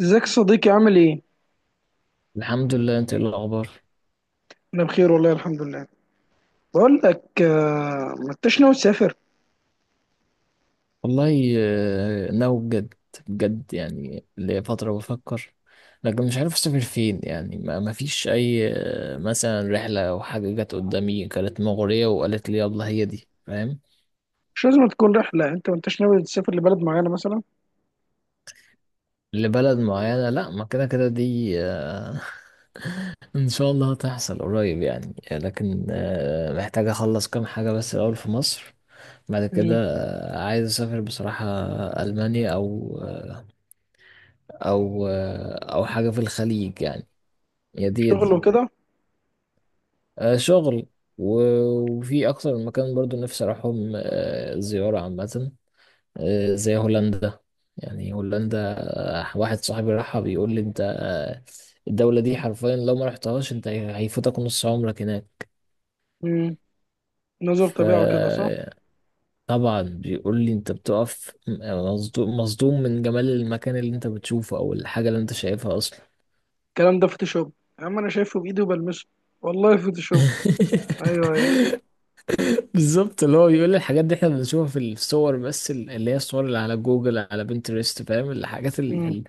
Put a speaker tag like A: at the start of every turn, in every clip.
A: ازيك يا صديقي عامل ايه؟
B: الحمد لله، انت ايه الاخبار؟
A: انا بخير والله الحمد لله. بقول لك ما انتش ناوي تسافر.
B: والله ناوي بجد. بجد يعني لفترة بفكر. لكن مش عارف اسافر فين، يعني ما فيش اي، مثلا رحلة او حاجة جت قدامي كانت مغرية وقالت لي يلا هي دي، فاهم؟
A: مش لازم تكون رحلة، انت ما انتش ناوي تسافر لبلد معينة مثلا؟
B: لبلد معينة، لا ما كده كده دي. ان شاء الله هتحصل قريب يعني، لكن محتاج اخلص كام حاجة بس الاول في مصر. بعد كده.
A: مم.
B: عايز اسافر بصراحة. المانيا او او او حاجه في الخليج يعني. يا دي يا
A: شغل
B: دي.
A: وكده.
B: شغل. وفي اكتر من مكان برضو نفسي اروحهم، زياره عامه. زي هولندا. يعني هولندا. واحد صاحبي راحها بيقول لي انت، الدوله دي حرفيا لو ما رحتهاش انت هيفوتك نص عمرك هناك.
A: مم. نظر طبيعة وكده صح؟
B: فطبعا. بيقول لي انت بتقف مصدوم مصدوم من جمال المكان اللي انت بتشوفه او الحاجه اللي انت شايفها اصلا.
A: الكلام ده فوتوشوب. يا عم انا شايفه بايدي وبلمسه. والله فوتوشوب. ايوه، ايوه.
B: بالظبط. اللي هو بيقول لي الحاجات دي احنا بنشوفها في الصور، بس اللي هي الصور اللي على جوجل، على بنترست، فاهم؟ الحاجات
A: مم.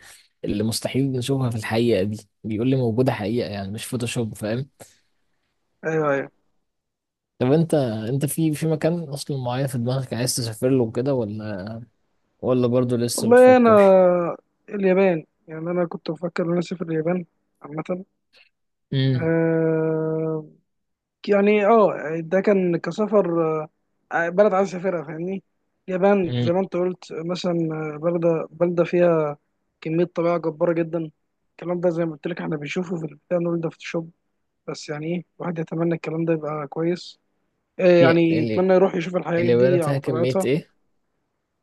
B: اللي مستحيل نشوفها في الحقيقة دي، بيقول لي موجودة حقيقة، يعني مش فوتوشوب، فاهم؟
A: ايوه، ايوه.
B: طب انت في مكان اصلا معين في دماغك عايز تسافر له كده، ولا برضه لسه
A: والله انا
B: بتفكر؟
A: اليابان، يعني انا كنت بفكر ان انا اسافر اليابان عامة.
B: امم.
A: أه، يعني اه، ده كان كسفر، بلد عايز اسافرها، فاهمني؟ اليابان
B: امم.
A: زي ما انت قلت مثلا. بلدة بلدة فيها كمية طبيعة جبارة جدا. الكلام ده زي ما قلت لك احنا بنشوفه في البتاع، نقول ده فوتوشوب. بس يعني ايه، الواحد يتمنى الكلام ده يبقى كويس. يعني
B: ال-
A: يتمنى يروح يشوف الحاجات دي
B: اليابان فيها
A: على
B: كمية
A: طبيعتها.
B: ايه؟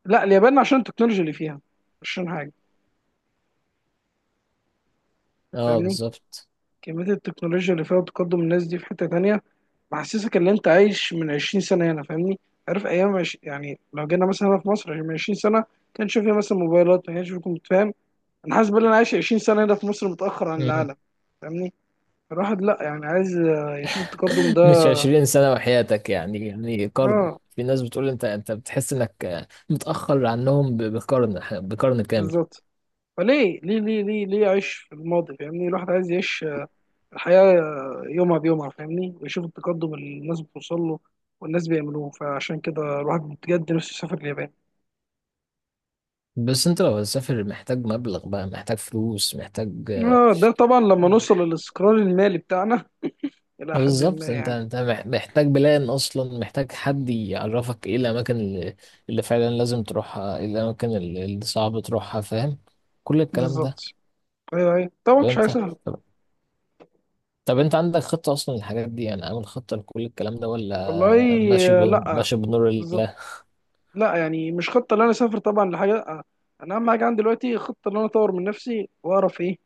A: لا اليابان عشان التكنولوجيا اللي فيها، مش عشان حاجة،
B: اه
A: فاهمني؟
B: بالظبط.
A: كمية التكنولوجيا اللي فيها وتقدم الناس دي في حتة تانية، محسسك ان انت عايش من 20 سنة هنا، فاهمني؟ عارف ايام يعني لو جينا مثلا هنا في مصر يعني من 20 سنة، كان شوف فيه مثلا موبايلات، ما كانش فيه، كنت فاهم؟ انا حاسس ان انا عايش 20 سنة هنا في مصر متأخر عن العالم، فاهمني؟ الواحد لا يعني عايز يشوف التقدم
B: مش
A: ده.
B: 20 سنة وحياتك، يعني قرن.
A: اه
B: في ناس بتقول انت بتحس انك متأخر عنهم بقرن. بقرن كامل.
A: بالظبط. فليه ليه ليه ليه ليه عيش في الماضي، فاهمني؟ الواحد عايز يعيش الحياة، يومها بيومها، فاهمني؟ ويشوف التقدم اللي الناس بتوصل له والناس بيعملوه، فعشان كده الواحد بجد نفسه يسافر اليابان.
B: بس انت لو هتسافر محتاج مبلغ بقى، محتاج فلوس، محتاج.
A: اه ده طبعا لما نوصل للاستقرار المالي بتاعنا الى حد ما
B: بالظبط، انت
A: يعني.
B: انت محتاج بلان اصلا، محتاج حد يعرفك ايه الاماكن اللي فعلا لازم تروحها، ايه الاماكن اللي صعب تروحها، فاهم؟ كل الكلام ده.
A: بالظبط. ايوه، ايوه، طبعا
B: طب
A: مش حاجه
B: انت
A: سهله.
B: طب, طب انت عندك خطة اصلا للحاجات دي، يعني عامل خطة لكل الكلام ده،
A: والله
B: ولا ماشي
A: لا،
B: ماشي بنور
A: بالظبط.
B: الله؟
A: لا يعني مش خطه ان انا اسافر طبعا لحاجه، لا. انا اهم حاجه عندي دلوقتي خطه ان انا اطور من نفسي واعرف ايه.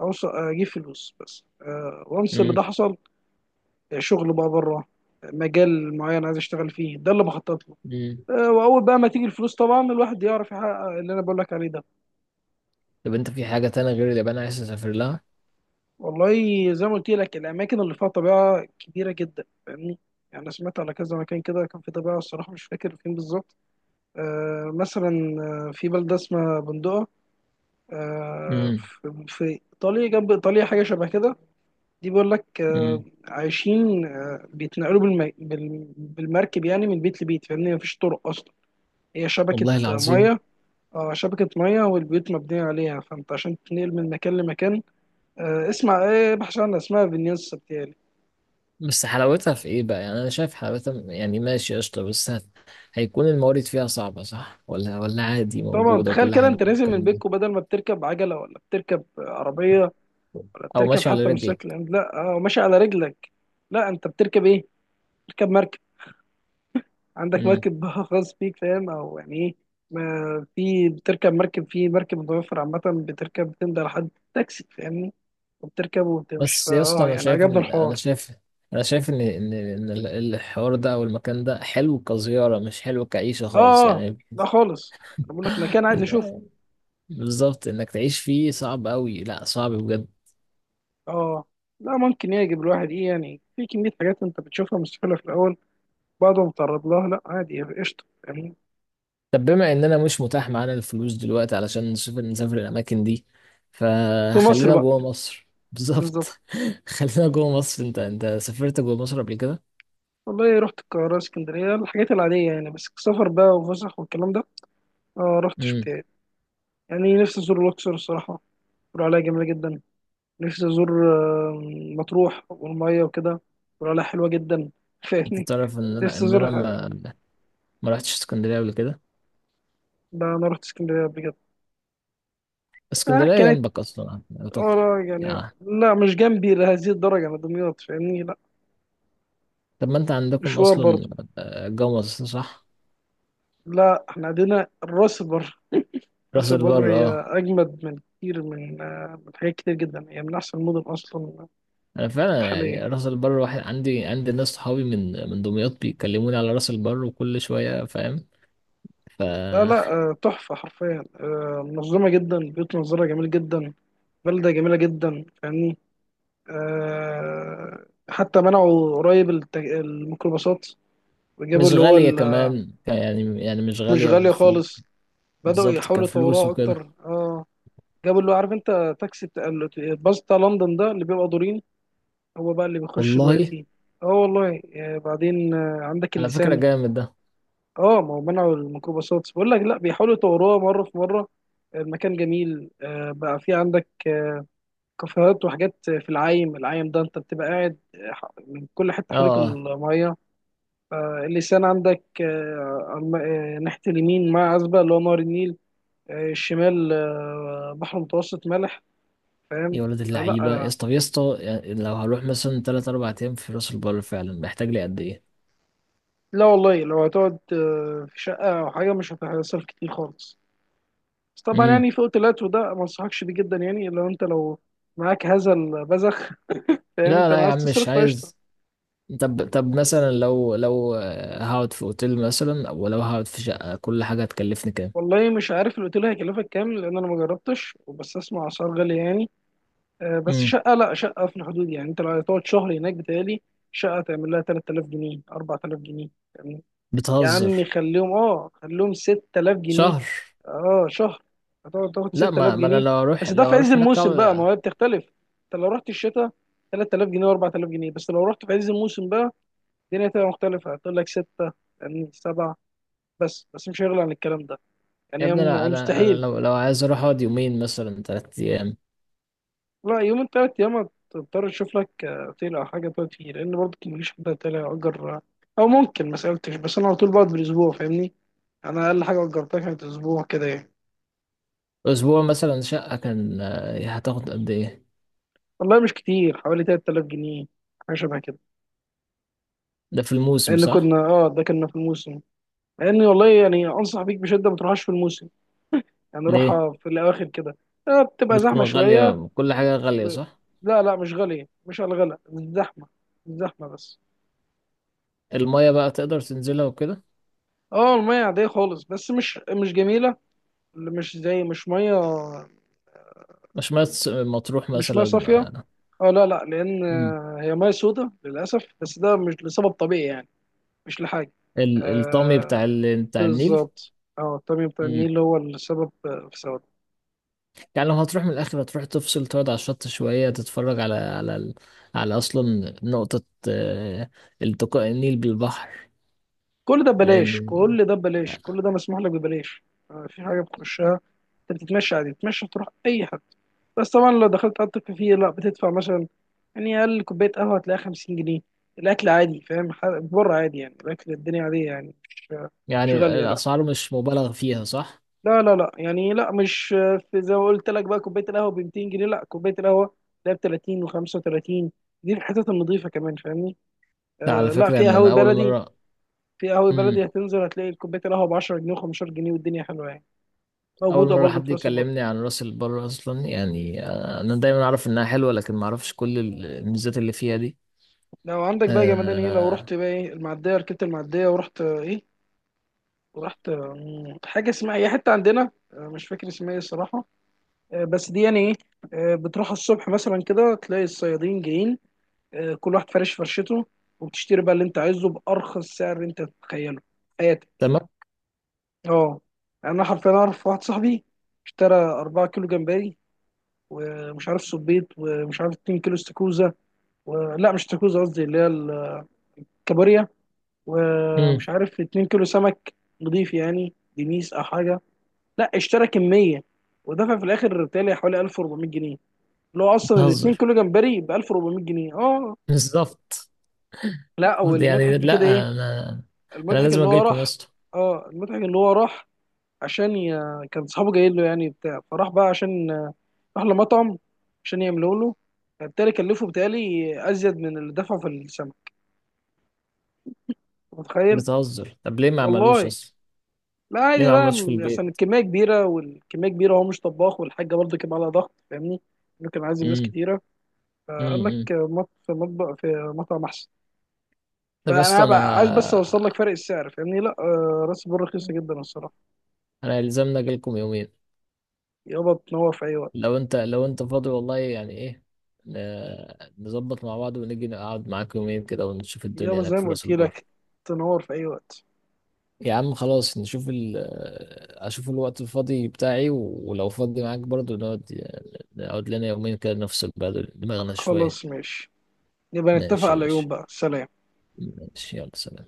A: اوصل اجيب فلوس بس، أه، وامس اللي
B: امم.
A: ده حصل. شغل بقى بره. مجال معين عايز اشتغل فيه، ده اللي بخطط له.
B: امم.
A: أه، واول بقى ما تيجي الفلوس طبعا الواحد يعرف يحقق اللي انا بقول لك عليه ده.
B: طب انت في حاجة تانية غير اليابان عايز تسافر لها؟
A: والله زي ما قلت لك الاماكن اللي فيها طبيعه كبيره جدا، فاهمني؟ يعني انا سمعت على كذا مكان كده، كان في طبيعه الصراحه، مش فاكر فين بالظبط. آه مثلا، في بلده اسمها بندقه، آه.
B: امم.
A: في ايطاليا، جنب ايطاليا، حاجه شبه كده. دي بيقول لك آه
B: امم.
A: عايشين آه بيتنقلوا بالمركب يعني من بيت لبيت، فاهمني؟ مفيش طرق اصلا. هي شبكه
B: والله العظيم.
A: ميه. اه شبكه ميه والبيوت مبنيه عليها، فانت عشان تنقل من مكان لمكان، آه اسمع ايه، بحث عنها، اسمها فينيس.
B: بس حلاوتها في ايه بقى؟ يعني انا شايف حلاوتها، يعني ماشي قشطة، بس هيكون الموارد فيها صعبة، صح؟ ولا عادي
A: طبعا
B: موجودة
A: تخيل
B: وكل
A: كده
B: حاجة
A: انت نازل من
B: بالكلام ده؟
A: بيتكو، بدل ما بتركب عجله ولا بتركب عربيه ولا
B: او
A: بتركب
B: ماشي على
A: حتى مش شكل،
B: رجلك.
A: لا اه ماشي على رجلك. لا انت بتركب ايه، بتركب مركب. عندك
B: امم.
A: مركب بقى خاص بيك، فاهم؟ او يعني ايه. ما في بتركب مركب، في مركب متوفر عامه، بتركب بتمضي على حد تاكسي، فاهمني؟ وبتركب وبتمشي،
B: بس يا اسطى،
A: فاه يعني عجبني الحوار.
B: انا شايف ان الحوار ده او المكان ده حلو كزيارة، مش حلو كعيشة
A: اه،
B: خالص
A: اه،
B: يعني.
A: لا خالص. انا بقول لك مكان عايز اشوفه.
B: إن- بالظبط انك تعيش فيه صعب قوي، لا صعب بجد.
A: اه، لا ممكن يعجب الواحد ايه، يعني في كميه حاجات انت بتشوفها مستحيله في الاول. بعد ما تعرض لها لا عادي يعني قشطه يعني.
B: طب بما اننا مش متاح معانا الفلوس دلوقتي علشان نسافر الاماكن دي،
A: في مصر
B: فخلينا
A: بقى،
B: جوه مصر.
A: بالظبط.
B: بالظبط. خلينا جوه مصر. انت سافرت جوه مصر قبل كده؟
A: والله رحت القاهره اسكندريه الحاجات العاديه يعني، بس السفر بقى وفسح والكلام ده، آه رحتش
B: امم.
A: بتاعي. يعني نفسي ازور الاقصر الصراحه، بيقولوا عليها جميله جدا. نفسي ازور آه، مطروح والميه وكده، بيقولوا عليها حلوه جدا
B: انت
A: فاهمني.
B: تعرف ان انا
A: نفسي
B: ان انا
A: ازورها.
B: ما رحتش اسكندريه قبل كده.
A: ده انا رحت اسكندريه قبل كده، آه
B: اسكندريه
A: كانت،
B: جنبك اصلا اعتقد،
A: اه يعني
B: يعني.
A: لا مش جنبي لهذه الدرجه، انا دمياط، فاهمني؟ لا
B: طب ما انت عندكم
A: مشوار برضه.
B: اصلا، جوه مصر، صح؟
A: لا احنا عندنا الراس بر،
B: راس
A: راس
B: البر،
A: البر هي
B: اه.
A: أجمد من كتير من من حاجات كتير جدا، هي من أحسن المدن أصلا
B: انا فعلا يعني،
A: حاليا.
B: راس البر، واحد عندي ناس صحابي من دمياط بيكلموني على راس البر وكل شويه، فاهم؟ ف
A: لا لا تحفة حرفيا، منظمة جدا، بيوت منظرها جميل جدا، بلدة جميلة جدا، فاهمني؟ حتى منعوا قريب الميكروباصات وجابوا
B: مش
A: اللي هو
B: غالية كمان، يعني مش
A: مش
B: غالية
A: غالية
B: بفلوس.
A: خالص. بدأوا
B: بالظبط،
A: يحاولوا
B: كفلوس
A: يطوروها
B: وكده.
A: أكتر اه. جابوا اللي هو عارف أنت تاكسي الباص بتاع لندن ده اللي بيبقى دورين. هو بقى اللي بيخش
B: والله،
A: دلوقتي. اه والله بعدين عندك
B: على فكرة
A: اللسان.
B: جامد ده.
A: اه ما هو منعوا الميكروباصات بقول لك، لا بيحاولوا يطوروها مره في مره. المكان جميل، بقى في عندك كافيهات وحاجات في العايم العايم ده. انت بتبقى قاعد، من كل حته حواليك
B: اه اه.
A: الميه. اللسان عندك، على ناحيه اليمين مع عزبه اللي هو نهر النيل. الشمال، بحر متوسط مالح، فاهم؟
B: يا ولد
A: فلا
B: اللعيبة يا اسطى، طب يا اسطى، يعني لو هروح مثلا تلات أربع أيام في راس البر، فعلا محتاج لي قد إيه؟
A: لا والله لو هتقعد في شقه او حاجه مش هتصرف كتير خالص. بس طبعا
B: امم.
A: يعني فوق الوقت وده ما انصحكش بيه جدا، يعني لو انت لو معاك هذا البذخ فاهم
B: لا
A: انت
B: لا يا
A: عايز
B: عم مش
A: تصرف فقشطه.
B: عايز. طب مثلا لو هقعد في أوتيل مثلا، أو لو هقعد في شقة، كل حاجة هتكلفني كام؟
A: والله مش عارف الاوتيل هيكلفك كام، لان انا ما جربتش، وبس اسمع اسعار غاليه يعني. بس
B: امم.
A: شقه، لا شقه في الحدود، يعني انت لو هتقعد شهر هناك بتهيألي شقه تعمل لها 3000 جنيه 4000 جنيه. يا
B: بتهزر؟
A: عمي خليهم اه خليهم 6000 جنيه.
B: شهر؟
A: اه شهر، هتقعد تاخد
B: لا،
A: 6000
B: ما أنا
A: جنيه
B: لو أروح
A: بس ده في
B: لو
A: عز
B: أروح هناك.
A: الموسم بقى، ما هي بتختلف. انت لو رحت الشتاء 3000 جنيه و4000 جنيه، بس لو رحت في عز الموسم بقى الدنيا تبقى مختلفة، هتقول لك 6 يعني 7. بس بس مش هيغلى عن الكلام ده،
B: يا
A: يعني هي
B: ابني، انا انا انا
A: مستحيل.
B: لو عايز اروح اقعد يومين مثلا، ثلاث ايام.
A: لا يومين تلات ايام هتضطر تشوف لك اوتيل او حاجة تقعد فيه، لان برضه مفيش حد هيطلع يأجر. او ممكن ما سألتش، بس انا على طول بقعد بالاسبوع، فاهمني؟ انا اقل حاجة أجرتها كانت اسبوع كده يعني.
B: اسبوع مثلا، شقه كان هتاخد قد ايه؟
A: والله مش كتير حوالي 3000 جنيه، حاجه شبه كده.
B: ده في الموسم،
A: لان كنا
B: صح؟
A: اه ده كنا في الموسم. لان والله يعني انصح بيك بشده ما تروحش في الموسم، يعني
B: ليه؟
A: روحها في الاواخر كده. آه بتبقى
B: بتكون
A: زحمه شويه
B: غاليه، كل حاجه غاليه،
A: و...
B: صح؟
A: لا لا مش غاليه، مش على الغلا، الزحمه، الزحمه بس.
B: الميه بقى تقدر تنزلها وكده؟
A: اه الميه عاديه خالص، بس مش جميله، مش زي، مش ميه،
B: مش مية مطروح
A: مش ميه
B: مثلا؟
A: صافيه. اه لا لا لان
B: مم.
A: هي ميه سودة للاسف، بس ده مش لسبب طبيعي يعني، مش لحاجه،
B: الطامي
A: آه،
B: بتاع بتاع النيل.
A: بالظبط. اه الطبيعي بتاع
B: مم.
A: النيل هو السبب في سبب.
B: يعني لو هتروح من الاخر، هتروح تفصل، تقعد على الشط شويه تتفرج على على اصلا نقطه، آه، التقاء النيل بالبحر.
A: كل ده ببلاش،
B: لان.
A: كل ده ببلاش، كل ده مسموح لك ببلاش. في حاجه بتخشها، انت بتتمشى عادي بتتمشى تروح اي حد. بس طبعا لو دخلت قعدت فيه لا بتدفع مثلا، يعني اقل كوبايه قهوه هتلاقيها 50 جنيه. الاكل عادي فاهم، بره عادي يعني الاكل الدنيا عاديه يعني مش، مش
B: يعني
A: غاليه لا.
B: الأسعار مش مبالغ فيها، صح؟
A: لا لا لا، يعني لا، مش في زي ما قلت لك بقى كوبايه القهوه ب 200 جنيه، لا كوبايه القهوه ده ب 30 و35. دي الحتت النظيفه كمان، فاهمني؟
B: لا على
A: آه لا
B: فكرة
A: في
B: إن
A: قهاوي
B: أنا أول
A: بلدي،
B: مرة.
A: في قهاوي بلدي
B: مم.
A: هتنزل هتلاقي الكوبايه القهوه ب 10 جنيه و15 جنيه والدنيا حلوه يعني.
B: أول
A: موجوده
B: مرة
A: برضه
B: حد
A: في راس البر.
B: يكلمني عن راس البر أصلا يعني، أنا دايما أعرف إنها حلوة، لكن ما أعرفش كل الميزات اللي فيها دي.
A: لو عندك بقى يا جمدان ايه، لو
B: آه...
A: رحت بقى ايه، المعديه ركبت المعديه ورحت ايه، ورحت حاجه اسمها ايه حته عندنا، مش فاكر اسمها ايه الصراحه. بس دي يعني ايه، بتروح الصبح مثلا كده تلاقي الصيادين جايين. كل واحد فارش فرشته، وبتشتري بقى اللي انت عايزه بارخص سعر انت تتخيله في حياتك.
B: تمام؟
A: اه انا حرفيا اعرف واحد صاحبي، اشترى 4 كيلو جمبري، ومش عارف صبيط، ومش عارف 2 كيلو استاكوزا، ولا مش استاكوزا قصدي اللي هي الكابوريا.
B: مم.
A: ومش عارف 2 كيلو سمك نضيف يعني دنيس او حاجه. لا اشترى كميه، ودفع في الاخر بتهيألي حوالي 1400 جنيه، اللي هو اصلا ال 2
B: بتهزر؟
A: كيلو جمبري ب 1400 جنيه اه.
B: بالظبط.
A: لا
B: يعني
A: والمضحك في كده ايه،
B: لا، أنا أنا
A: المضحك
B: لازم
A: اللي هو
B: أجيلكم يا
A: راح،
B: اسطى.
A: اه المضحك اللي هو راح عشان ي... كان صحابه جايين له، يعني بتاع فراح بقى، عشان راح لمطعم عشان يعملوا له. فبالتالي كلفه بتهيألي أزيد من اللي دفعه في السمك، أنت متخيل؟
B: بتهزر؟ طب ليه ما عملوش
A: والله
B: أصلا؟
A: لا
B: ليه
A: عادي
B: ما
A: بقى
B: عملوش في
A: عشان
B: البيت؟
A: الكمية كبيرة، والكمية كبيرة هو مش طباخ، والحاجة برضه كان عليها ضغط، فاهمني؟ إنه كان عازم ناس
B: مم.
A: كتيرة،
B: مم.
A: فقال لك
B: مم.
A: في مطبخ في مطعم أحسن.
B: طب يا
A: فأنا
B: اسطى،
A: هبقى عايز بس أوصل لك
B: أنا.
A: فرق السعر، فاهمني؟ لا راس البر رخيصة جدا الصراحة.
B: أنا يلزمنا أجيلكم يومين.
A: يابا تنور في أي وقت.
B: لو انت فاضي والله، يعني ايه، ن- نظبط مع بعض ونيجي نقعد معاك يومين كده ونشوف
A: يابا
B: الدنيا
A: زي
B: هناك
A: ما
B: في راس
A: قلت
B: البر.
A: لك تنور في أي وقت.
B: يا عم خلاص نشوف اشوف الوقت الفاضي بتاعي، ولو فاضي معاك برضو نقعد، نقعد لنا يومين كده نفصل بعد دماغنا شوية.
A: خلاص ماشي، نبقى نتفق
B: ماشي يا
A: على
B: باشا.
A: يوم بقى، سلام.
B: ماشي، يلا سلام.